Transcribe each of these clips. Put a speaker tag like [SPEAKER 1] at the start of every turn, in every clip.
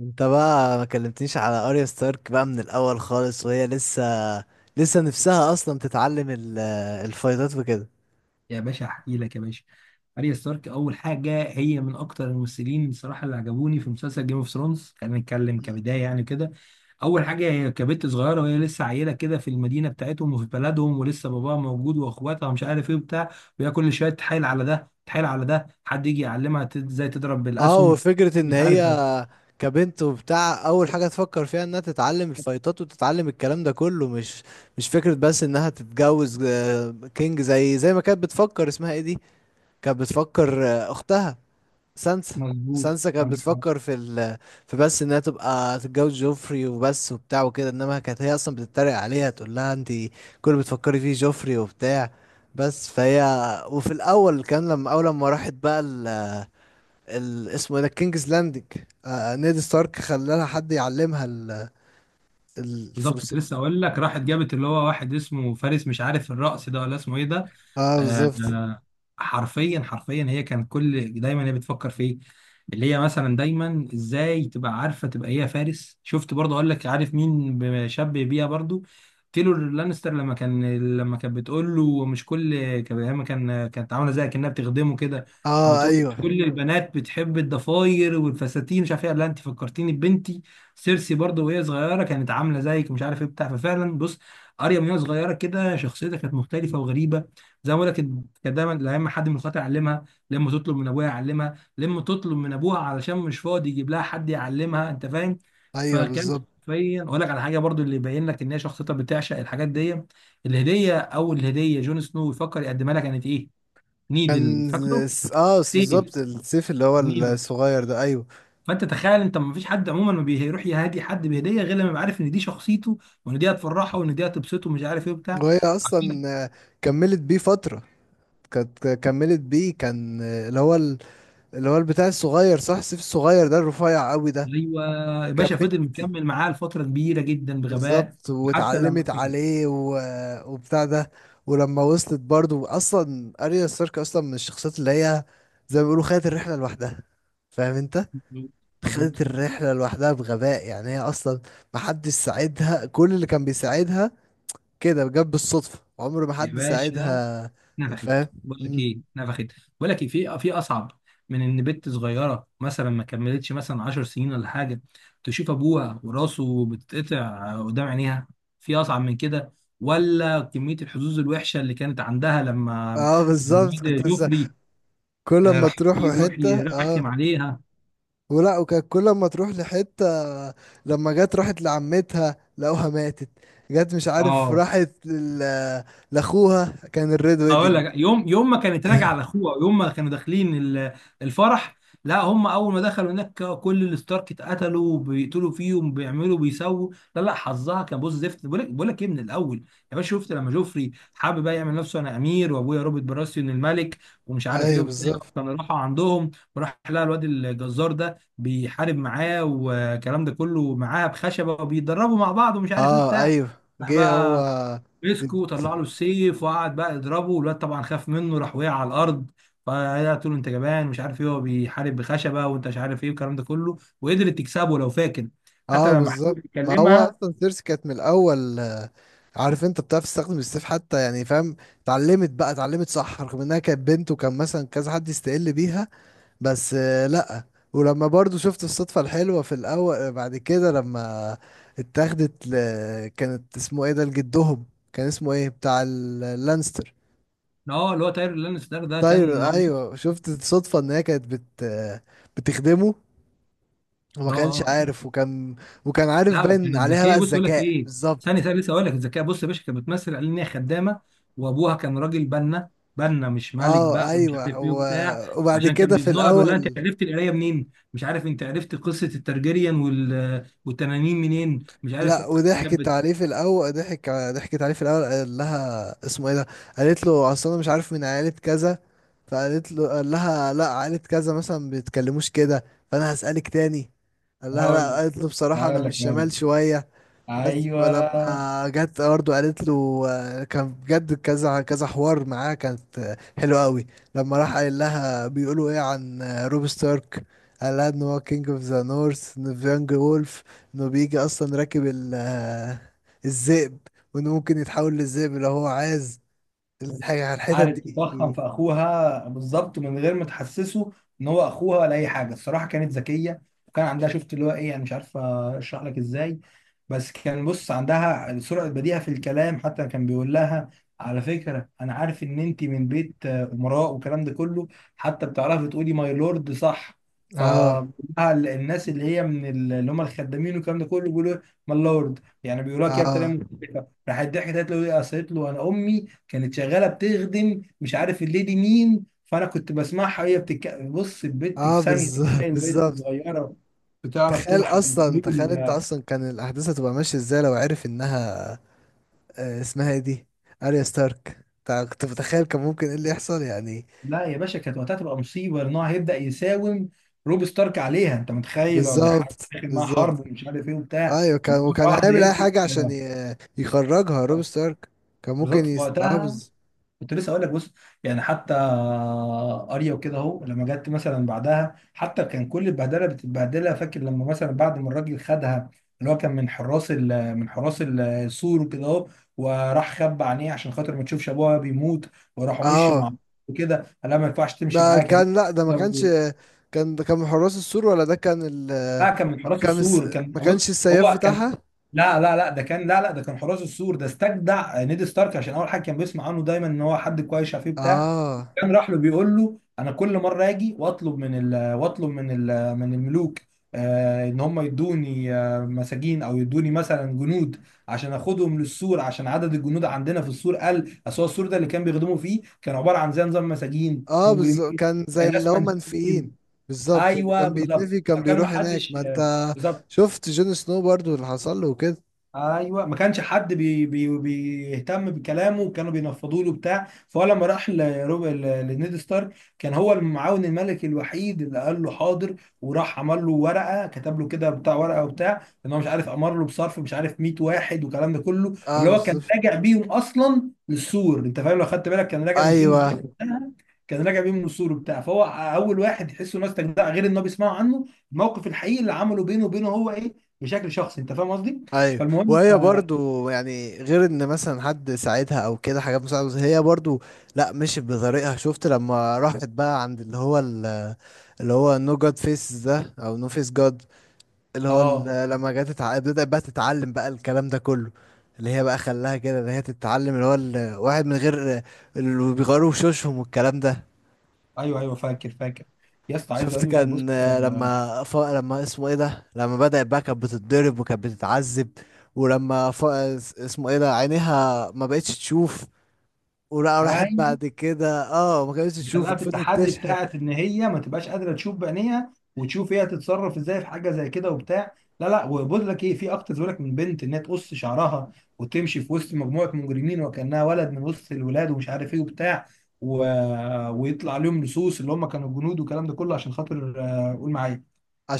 [SPEAKER 1] انت بقى ما كلمتنيش على اريا ستارك بقى من الاول خالص، وهي لسه نفسها اصلا تتعلم الفايتات وكده.
[SPEAKER 2] يا باشا احكي لك يا باشا. اريا ستارك اول حاجه، هي من اكتر الممثلين بصراحه اللي عجبوني في مسلسل جيم اوف ثرونز، خلينا نتكلم كبدايه يعني كده. اول حاجه هي كبت صغيره وهي لسه عيله كده في المدينه بتاعتهم وفي بلدهم، ولسه باباها موجود واخواتها مش عارف ايه وبتاع. وهي كل شويه تحايل على ده تحايل على ده حد يجي يعلمها ازاي تضرب
[SPEAKER 1] اه،
[SPEAKER 2] بالاسهم
[SPEAKER 1] وفكرة ان
[SPEAKER 2] مش
[SPEAKER 1] هي
[SPEAKER 2] عارف.
[SPEAKER 1] كبنت وبتاع اول حاجة تفكر فيها انها تتعلم الفايتات وتتعلم الكلام ده كله، مش فكرة بس انها تتجوز، كينج، زي ما كانت بتفكر اسمها ايه دي. كانت بتفكر، اختها سانسا.
[SPEAKER 2] مظبوط،
[SPEAKER 1] سانسا كانت
[SPEAKER 2] عندك حق.
[SPEAKER 1] بتفكر في، بس انها تبقى تتجوز جوفري وبس وبتاع وكده، انما كانت هي اصلا بتتريق عليها تقول لها: انت كل اللي بتفكري فيه جوفري وبتاع، بس. فهي، وفي الاول، كان لما اول ما راحت بقى اسمه ايه ده، كينجز لاندنج، نيد ستارك خلى لها حد يعلمها
[SPEAKER 2] بالظبط،
[SPEAKER 1] الفرس.
[SPEAKER 2] كنت لسه اقول لك، راحت جابت اللي هو واحد اسمه فارس مش عارف الرأس ده ولا اسمه ايه ده.
[SPEAKER 1] اه،
[SPEAKER 2] آه
[SPEAKER 1] بالظبط.
[SPEAKER 2] آه، حرفيا هي كانت كل دايما هي بتفكر فيه، اللي هي مثلا دايما ازاي تبقى عارفه تبقى هي فارس. شفت برضه، اقول لك عارف مين بشبه بيها برضه؟ تيلور لانستر، لما كانت بتقول له مش كل لما كانت عامله زي كانها بتخدمه كده. كانت
[SPEAKER 1] اه،
[SPEAKER 2] بتقول له مش
[SPEAKER 1] ايوه.
[SPEAKER 2] كل البنات بتحب الضفاير والفساتين مش عارف ايه، قال لها انت فكرتيني ببنتي سيرسي، برضو وهي صغيره كانت عامله زيك مش عارف ايه بتاع ففعلا بص، اريا من وهي صغيره كده شخصيتها كانت مختلفه وغريبه. زي ما بقول لك، كانت دايما لما حد من اخواتها يعلمها، لما تطلب من ابوها يعلمها، لما تطلب من ابوها علشان مش فاضي يجيب لها حد يعلمها، انت فاهم.
[SPEAKER 1] ايوه،
[SPEAKER 2] فكان
[SPEAKER 1] بالظبط
[SPEAKER 2] حرفيا اقول لك على حاجه برضو اللي يبين لك ان هي شخصيتها بتعشق الحاجات دي. الهديه، اول هديه جون سنو يفكر يقدمها لها كانت ايه؟ نيدل،
[SPEAKER 1] كان.
[SPEAKER 2] فاكره؟
[SPEAKER 1] اه،
[SPEAKER 2] سيف.
[SPEAKER 1] بالظبط، السيف اللي هو الصغير ده، ايوه.
[SPEAKER 2] فانت تخيل، انت ما فيش حد عموما ما بيروح يهادي حد بهديه غير لما يبقى عارف ان دي شخصيته، وان دي هتفرحه وان دي هتبسطه مش عارف ايه وبتاع.
[SPEAKER 1] وهي اصلا
[SPEAKER 2] عارفين.
[SPEAKER 1] كملت بيه فتره. كانت كملت بيه، كان، اللي هو البتاع الصغير، صح؟ السيف الصغير ده الرفيع قوي ده.
[SPEAKER 2] ايوه، يا باشا
[SPEAKER 1] كملت،
[SPEAKER 2] فضل مكمل معاه لفتره كبيره جدا بغباء.
[SPEAKER 1] بالظبط،
[SPEAKER 2] حتى لما
[SPEAKER 1] واتعلمت
[SPEAKER 2] كان.
[SPEAKER 1] عليه وبتاع ده. ولما وصلت برضو، اصلا اريا ستارك اصلا من الشخصيات اللي هي، زي ما بيقولوا، خدت الرحله لوحدها. فاهم انت؟
[SPEAKER 2] مظبوط. مظبوط.
[SPEAKER 1] خدت الرحله لوحدها بغباء. يعني هي اصلا محدش ساعدها، كل اللي كان بيساعدها كده جت بالصدفه، عمر ما
[SPEAKER 2] يا
[SPEAKER 1] حد
[SPEAKER 2] باشا
[SPEAKER 1] ساعدها.
[SPEAKER 2] نفخت،
[SPEAKER 1] فاهم؟
[SPEAKER 2] بقول لك ايه، نفخت. بقول لك ايه في اصعب من ان بنت صغيره مثلا ما كملتش مثلا 10 سنين ولا حاجه، تشوف ابوها وراسه بتتقطع قدام عينيها؟ في اصعب من كده؟ ولا كميه الحظوظ الوحشه اللي كانت عندها لما
[SPEAKER 1] اه، بالظبط
[SPEAKER 2] الواد
[SPEAKER 1] كنت لسه.
[SPEAKER 2] جوفري
[SPEAKER 1] كل ما
[SPEAKER 2] راح
[SPEAKER 1] تروح
[SPEAKER 2] يروح
[SPEAKER 1] حته،
[SPEAKER 2] يرخم
[SPEAKER 1] اه،
[SPEAKER 2] عليها.
[SPEAKER 1] ولا، وكانت كل ما تروح لحته، لما جت راحت لعمتها لقوها ماتت. جت، مش عارف،
[SPEAKER 2] اه،
[SPEAKER 1] راحت لاخوها، كان الريد
[SPEAKER 2] اقول
[SPEAKER 1] ويدنج.
[SPEAKER 2] لك، يوم يوم ما كانت راجعه على اخوها، يوم ما كانوا داخلين الفرح. لا، هم اول ما دخلوا هناك كل الستارك اتقتلوا، بيقتلوا فيهم بيعملوا بيسووا. لا حظها كان بص زفت، بقول لك، بقول لك ايه من الاول. يا باشا شفت لما جوفري حابب بقى يعمل نفسه انا امير وابويا روبرت براسيون الملك ومش عارف ايه
[SPEAKER 1] ايوه،
[SPEAKER 2] وبتاع؟
[SPEAKER 1] بالظبط.
[SPEAKER 2] كانوا راحوا عندهم وراح لقى الواد الجزار ده بيحارب معاه والكلام ده كله، معاه بخشبه وبيتدربوا مع بعض ومش عارف ايه
[SPEAKER 1] اه،
[SPEAKER 2] وبتاع.
[SPEAKER 1] ايوه.
[SPEAKER 2] راح
[SPEAKER 1] جه هو.
[SPEAKER 2] بقى مسكه وطلع له السيف وقعد بقى يضربه، والواد طبعا خاف منه راح وقع على الارض. فقالت له انت جبان مش عارف ايه، هو بيحارب بخشبه وانت مش عارف ايه والكلام ده كله، وقدرت تكسبه لو فاكر. حتى
[SPEAKER 1] اه،
[SPEAKER 2] لما حاول
[SPEAKER 1] بالظبط، ما هو
[SPEAKER 2] يكلمها.
[SPEAKER 1] اصلا سيرسي كانت من الاول، عارف، انت بتعرف تستخدم السيف حتى، يعني فاهم. اتعلمت بقى، اتعلمت، صح؟ رغم انها كانت بنت، وكان مثلا كذا حد يستقل بيها، بس لأ. ولما برضو شفت الصدفة الحلوة في الأول بعد كده، لما اتاخدت كانت اسمه ايه ده، لجدهم. كان اسمه ايه بتاع اللانستر.
[SPEAKER 2] اه، اللي هو تاير لانستر ده، كان
[SPEAKER 1] طير،
[SPEAKER 2] اه.
[SPEAKER 1] ايوه. شفت الصدفة ان هي كانت بت... آه، بتخدمه وما كانش
[SPEAKER 2] آه.
[SPEAKER 1] عارف، وكان عارف،
[SPEAKER 2] لا
[SPEAKER 1] باين
[SPEAKER 2] وكانت
[SPEAKER 1] عليها بقى
[SPEAKER 2] ذكيه، بص اقول لك
[SPEAKER 1] الذكاء،
[SPEAKER 2] ايه، ثانيه
[SPEAKER 1] بالظبط.
[SPEAKER 2] ثانيه لسه اقول لك الذكيه. بص يا باشا، كانت بتمثل على ان هي خدامه، وابوها كان راجل بنا، بنا مش ملك
[SPEAKER 1] اه،
[SPEAKER 2] بقى ومش عارف
[SPEAKER 1] ايوه
[SPEAKER 2] ايه وبتاع.
[SPEAKER 1] وبعد
[SPEAKER 2] عشان كان
[SPEAKER 1] كده في
[SPEAKER 2] بيزنقها بيقول لها انت
[SPEAKER 1] الأول.
[SPEAKER 2] عرفت القرايه منين مش عارف، انت عرفت قصه الترجريان والتنانين منين مش عارف.
[SPEAKER 1] لا،
[SPEAKER 2] كانت
[SPEAKER 1] وضحكت
[SPEAKER 2] بت-
[SPEAKER 1] عليه في الاول ضحك ضحكت عليه في الاول. قال لها اسمه ايه ده. قالت له: اصل انا مش عارف من عائله كذا. فقالت له، قال لها: لا، عائله كذا مثلا بيتكلموش كده، فانا هسالك تاني. قال لها:
[SPEAKER 2] هقول
[SPEAKER 1] لا.
[SPEAKER 2] لك
[SPEAKER 1] قالت له: بصراحه انا
[SPEAKER 2] هقول
[SPEAKER 1] مش
[SPEAKER 2] لك هقول
[SPEAKER 1] شمال
[SPEAKER 2] لك
[SPEAKER 1] شويه، بس. ولما
[SPEAKER 2] ايوه،
[SPEAKER 1] جت برضه قالت له، كان بجد كذا كذا حوار معاه، كانت حلوه قوي. لما راح قال لها: بيقولوا ايه عن روب ستارك؟ قال لها ان هو كينج اوف ذا نورث ان فيانج وولف، انه بيجي اصلا راكب الذئب، وانه ممكن يتحول للذئب لو هو عايز، الحاجه الحتت
[SPEAKER 2] قعدت تتضخم في
[SPEAKER 1] دي.
[SPEAKER 2] اخوها بالظبط من غير ما تحسسه ان هو اخوها ولا اي حاجه. الصراحه كانت ذكيه، وكان عندها، شفت اللي هو ايه، انا مش عارف اشرح لك ازاي، بس كان بص عندها سرعه بديهه في الكلام. حتى كان بيقول لها، على فكره انا عارف ان انت من بيت امراء والكلام ده كله، حتى بتعرفي تقولي ماي لورد صح. ف
[SPEAKER 1] اه،
[SPEAKER 2] الناس اللي هي من اللي هم الخدامين والكلام ده كله بيقولوا ماي لورد، يعني بيقولوها كده بطريقه
[SPEAKER 1] اه،
[SPEAKER 2] مختلفه. راحت ضحكت قالت له ايه، قالت له انا امي كانت شغاله بتخدم مش عارف الليدي مين، فانا كنت بسمعها وهي بص البنت
[SPEAKER 1] اه،
[SPEAKER 2] في ثانيه، أنت
[SPEAKER 1] بالظبط،
[SPEAKER 2] متخيل بنت
[SPEAKER 1] بالظبط.
[SPEAKER 2] صغيره بتعرف تلحق بحبوب
[SPEAKER 1] تخيل انت اصلا، كان الاحداث هتبقى ماشيه ازاي لو عرف انها، اسمها ايه دي، اريا ستارك؟ كنت متخيل كان ممكن ايه اللي يحصل، يعني.
[SPEAKER 2] لا يا باشا، كانت وقتها تبقى مصيبه ان هو هيبدا يساوم روب ستارك عليها. انت متخيل هو بيحاول
[SPEAKER 1] بالظبط،
[SPEAKER 2] يدخل معاها
[SPEAKER 1] بالظبط.
[SPEAKER 2] حرب ومش عارف ايه وبتاع.
[SPEAKER 1] ايوه،
[SPEAKER 2] ومره
[SPEAKER 1] وكان
[SPEAKER 2] واحده
[SPEAKER 1] هيعمل اي
[SPEAKER 2] يمسك
[SPEAKER 1] حاجه عشان يخرجها روب ستارك. كان ممكن
[SPEAKER 2] بالظبط، في وقتها. كنت لسه اقول لك، بص يعني حتى اريا وكده اهو، لما جت مثلا بعدها حتى كان كل البهدله بتتبهدلها، فاكر لما مثلا بعد ما الراجل خدها اللي هو كان من حراس السور وكده اهو، وراح خبى عينيه عشان خاطر ما تشوفش ابوها بيموت، وراحوا مشي
[SPEAKER 1] اه،
[SPEAKER 2] مع وكده. قال لها ما ينفعش تمشي
[SPEAKER 1] ده
[SPEAKER 2] معاك يا بنت.
[SPEAKER 1] كان، لا، ده ما كانش.
[SPEAKER 2] لو.
[SPEAKER 1] ده كان من حراس السور، ولا ده كان
[SPEAKER 2] اه، كان من حراس
[SPEAKER 1] كان الس...
[SPEAKER 2] السور. كان
[SPEAKER 1] ما
[SPEAKER 2] بص،
[SPEAKER 1] كانش السياف
[SPEAKER 2] هو كان،
[SPEAKER 1] بتاعها.
[SPEAKER 2] لا ده كان، لا ده كان حراس السور ده، استجدع نيد ستارك عشان اول حاجه كان بيسمع عنه دايما ان هو حد كويس، عارف إيه بتاع.
[SPEAKER 1] اه،
[SPEAKER 2] كان راح له بيقول له انا كل مره اجي واطلب من ال من الملوك آه ان هم يدوني آه مساجين او يدوني مثلا جنود عشان اخدهم للسور، عشان عدد الجنود عندنا في السور قل. اصل هو السور ده اللي كان بيخدموا فيه كان عباره عن زي نظام مساجين
[SPEAKER 1] اه، بالظبط،
[SPEAKER 2] مجرمين.
[SPEAKER 1] كان زي اللي
[SPEAKER 2] ناس
[SPEAKER 1] هم منفيين.
[SPEAKER 2] منفيين.
[SPEAKER 1] بالظبط، اللي
[SPEAKER 2] ايوه
[SPEAKER 1] كان
[SPEAKER 2] بالظبط،
[SPEAKER 1] بيتنفي كان
[SPEAKER 2] فكان ما
[SPEAKER 1] بيروح هناك،
[SPEAKER 2] حدش،
[SPEAKER 1] ما انت
[SPEAKER 2] بالظبط.
[SPEAKER 1] شفت جون سنو برضو اللي حصل له وكده.
[SPEAKER 2] ايوه ما كانش حد بي بي بيهتم بكلامه، وكانوا بينفضوا له بتاع. فهو لما راح لنيد ستارك، كان هو المعاون الملكي الوحيد اللي قال له حاضر، وراح عمل له ورقه، كتب له كده بتاع ورقه وبتاع ان هو مش عارف امر له بصرف مش عارف 100 واحد والكلام ده كله،
[SPEAKER 1] اه،
[SPEAKER 2] اللي هو كان
[SPEAKER 1] بالظبط.
[SPEAKER 2] راجع بيهم اصلا للسور. انت فاهم لو خدت بالك، كان راجع من كينجز
[SPEAKER 1] ايوه،
[SPEAKER 2] ليند وقتها، كان راجع بيهم من السور وبتاع. فهو اول واحد يحسه الناس تجدع، غير ان هو بيسمعوا عنه الموقف الحقيقي اللي عمله بينه وبينه هو ايه، بشكل شخصي، انت فاهم قصدي؟
[SPEAKER 1] ايوه.
[SPEAKER 2] فالمهم
[SPEAKER 1] وهي
[SPEAKER 2] اه
[SPEAKER 1] برضو يعني، غير ان مثلا حد ساعدها او كده، حاجات مساعده، هي برضو لا، مشيت بطريقها. شفت لما راحت بقى عند اللي هو اللي هو نو جاد فيس ده، او نو فيس جاد،
[SPEAKER 2] آه،
[SPEAKER 1] بدأت بقى تتعلم بقى الكلام ده كله، اللي هي بقى خلاها كده، اللي هي تتعلم اللي هو الواحد من غير اللي بيغيروا وشوشهم والكلام ده.
[SPEAKER 2] ايوه ايوه، فاكر فاكر. يا اسطى عايز
[SPEAKER 1] شفت،
[SPEAKER 2] اقول لك بص
[SPEAKER 1] كان لما لما اسمه ايه ده، لما بدأت بقى كانت بتتضرب وكانت بتتعذب، ولما اسمه ايه ده، عينيها ما بقتش تشوف، ولا راحت
[SPEAKER 2] ايوه،
[SPEAKER 1] بعد كده، ما كانتش تشوف،
[SPEAKER 2] خلاها في
[SPEAKER 1] وفضلت
[SPEAKER 2] التحدي
[SPEAKER 1] تشحت.
[SPEAKER 2] بتاعت ان هي ما تبقاش قادره تشوف بعينيها، وتشوف هي هتتصرف ازاي في حاجه زي كده وبتاع. لا لا، وبقول لك ايه في اكتر، بيقول لك من بنت انها تقص شعرها وتمشي في وسط مجموعه مجرمين وكانها ولد من وسط الولاد ومش عارف ايه وبتاع و... ويطلع عليهم لصوص اللي هم كانوا الجنود والكلام ده كله، عشان خاطر قول معايا،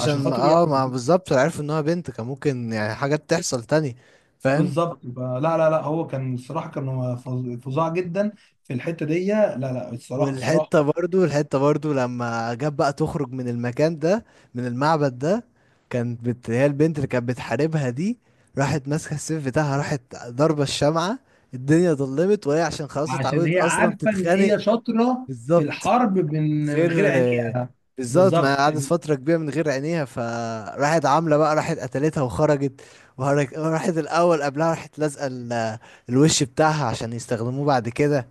[SPEAKER 2] عشان خاطر
[SPEAKER 1] ما
[SPEAKER 2] يعني.
[SPEAKER 1] بالظبط عرفوا ان هو بنت كان ممكن يعني حاجات تحصل تاني، فاهم؟
[SPEAKER 2] بالظبط. فلا لا لا لا، هو كان الصراحه، كان هو فظاع جدا في الحته دي. لا لا، الصراحه،
[SPEAKER 1] والحتة
[SPEAKER 2] الصراحه.
[SPEAKER 1] برضو، الحتة برضو لما جاب بقى تخرج من المكان ده، من المعبد ده، كانت هي البنت اللي كانت بتحاربها دي، راحت ماسكة السيف بتاعها، راحت ضربة الشمعة، الدنيا ضلمت، وهي عشان خلاص
[SPEAKER 2] عشان
[SPEAKER 1] اتعودت
[SPEAKER 2] هي
[SPEAKER 1] اصلا
[SPEAKER 2] عارفه ان
[SPEAKER 1] تتخانق.
[SPEAKER 2] هي شاطره في
[SPEAKER 1] بالظبط.
[SPEAKER 2] الحرب من
[SPEAKER 1] غير،
[SPEAKER 2] غير عينيها.
[SPEAKER 1] بالظبط، ما
[SPEAKER 2] بالظبط.
[SPEAKER 1] قعدت فترة كبيرة من غير عينيها، فراحت عاملة بقى، راحت قتلتها وخرجت. راحت الأول، قبلها راحت لازقة الوش بتاعها عشان يستخدموه بعد كده.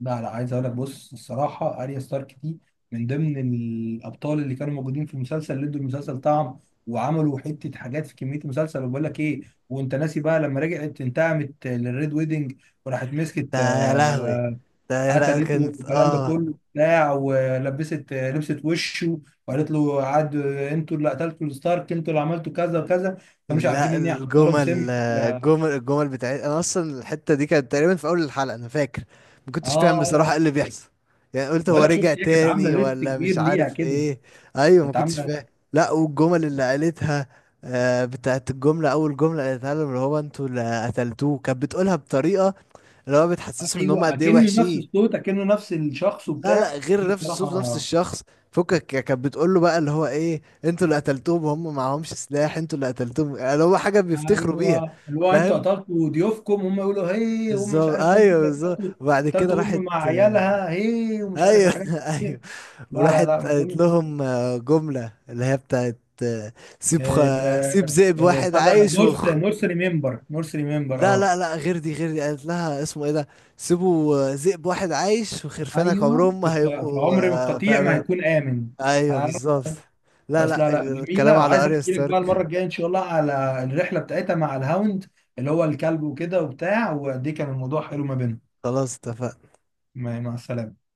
[SPEAKER 2] لا لا، عايز اقول لك بص الصراحه، اريا ستارك دي من ضمن الابطال اللي كانوا موجودين في المسلسل، اللي ادوا المسلسل طعم، وعملوا حته حاجات في كميه المسلسل. وبقول لك ايه، وانت ناسي بقى لما رجعت انتقمت للريد ويدنج، وراحت
[SPEAKER 1] ده،
[SPEAKER 2] مسكت
[SPEAKER 1] يا لهوي! ده، يا، لا
[SPEAKER 2] قتلته
[SPEAKER 1] كانت،
[SPEAKER 2] والكلام ده
[SPEAKER 1] اه.
[SPEAKER 2] كله بتاع، ولبست لبست وشه، وقالت له عاد انتوا اللي قتلتوا الستارك، انتوا اللي عملتوا كذا وكذا. فمش عارفين
[SPEAKER 1] لا،
[SPEAKER 2] ان هي حاطه لهم سم.
[SPEAKER 1] الجمل بتاعت، انا اصلا الحته دي كانت تقريبا في اول الحلقه، انا فاكر ما كنتش فاهم
[SPEAKER 2] اه
[SPEAKER 1] بصراحه ايه
[SPEAKER 2] أيوة.
[SPEAKER 1] اللي بيحصل. يعني قلت هو
[SPEAKER 2] ولا
[SPEAKER 1] رجع
[SPEAKER 2] شفت هي كانت عامله
[SPEAKER 1] تاني،
[SPEAKER 2] ليست
[SPEAKER 1] ولا
[SPEAKER 2] كبير
[SPEAKER 1] مش
[SPEAKER 2] ليها
[SPEAKER 1] عارف
[SPEAKER 2] كده،
[SPEAKER 1] ايه. ايوه، ما
[SPEAKER 2] كانت
[SPEAKER 1] كنتش
[SPEAKER 2] عامله.
[SPEAKER 1] فاهم. لا، والجمل اللي قالتها، بتاعت الجمله، اول جمله قالتها لهم اللي هو: انتوا اللي قتلتوه، كانت بتقولها بطريقه اللي هو بتحسسهم ان هم
[SPEAKER 2] ايوه،
[SPEAKER 1] قد ايه
[SPEAKER 2] اكنه نفس
[SPEAKER 1] وحشين.
[SPEAKER 2] الصوت، اكنه نفس الشخص
[SPEAKER 1] لا، لا،
[SPEAKER 2] وبتاع. دي
[SPEAKER 1] غير نفس الصوت ونفس
[SPEAKER 2] بصراحه.
[SPEAKER 1] الشخص. فكك كانت بتقول له بقى اللي هو ايه: انتوا اللي قتلتوهم، هم معهمش سلاح، انتوا اللي قتلتوهم. يعني هو حاجه بيفتخروا بيها،
[SPEAKER 2] ايوه، اللي هو انتوا
[SPEAKER 1] فاهم؟
[SPEAKER 2] قتلتوا ضيوفكم، هم يقولوا هي هم مش
[SPEAKER 1] بالظبط،
[SPEAKER 2] عارف، وانتوا
[SPEAKER 1] ايوه،
[SPEAKER 2] اللي
[SPEAKER 1] بالظبط.
[SPEAKER 2] قتلتوا،
[SPEAKER 1] وبعد كده
[SPEAKER 2] قتلتوا ام
[SPEAKER 1] راحت
[SPEAKER 2] مع عيالها هي ومش عارف،
[SPEAKER 1] ايوه،
[SPEAKER 2] وحاجات
[SPEAKER 1] ايوه.
[SPEAKER 2] كتير. لا لا لا
[SPEAKER 1] وراحت
[SPEAKER 2] ما
[SPEAKER 1] قالت
[SPEAKER 2] تقولش.
[SPEAKER 1] لهم، جمله اللي هي بتاعت، سيب سيب
[SPEAKER 2] ال-
[SPEAKER 1] ذئب واحد
[SPEAKER 2] بتاع ده
[SPEAKER 1] عايش
[SPEAKER 2] مورس مورس ريمبر مورس ريمبر
[SPEAKER 1] لا،
[SPEAKER 2] اه.
[SPEAKER 1] لا، لا، غير دي، غير دي. قالت لها اسمه ايه ده: سيبوا، ذئب واحد عايش وخرفانك
[SPEAKER 2] ايوه،
[SPEAKER 1] عمرهم ما
[SPEAKER 2] كنت في
[SPEAKER 1] هيبقوا،
[SPEAKER 2] عمر
[SPEAKER 1] في
[SPEAKER 2] القطيع ما
[SPEAKER 1] امان.
[SPEAKER 2] هيكون امن.
[SPEAKER 1] ايوه،
[SPEAKER 2] آه.
[SPEAKER 1] بالظبط. لا،
[SPEAKER 2] بس لا
[SPEAKER 1] لا،
[SPEAKER 2] لا
[SPEAKER 1] الكلام
[SPEAKER 2] جميله،
[SPEAKER 1] على
[SPEAKER 2] وعايز
[SPEAKER 1] اريا
[SPEAKER 2] احكي لك بقى المره
[SPEAKER 1] ستارك،
[SPEAKER 2] الجايه ان شاء الله على الرحله بتاعتها مع الهاوند اللي هو الكلب وكده وبتاع، وقد ايه كان الموضوع حلو ما بينهم.
[SPEAKER 1] خلاص، اتفقنا.
[SPEAKER 2] مع السلامه.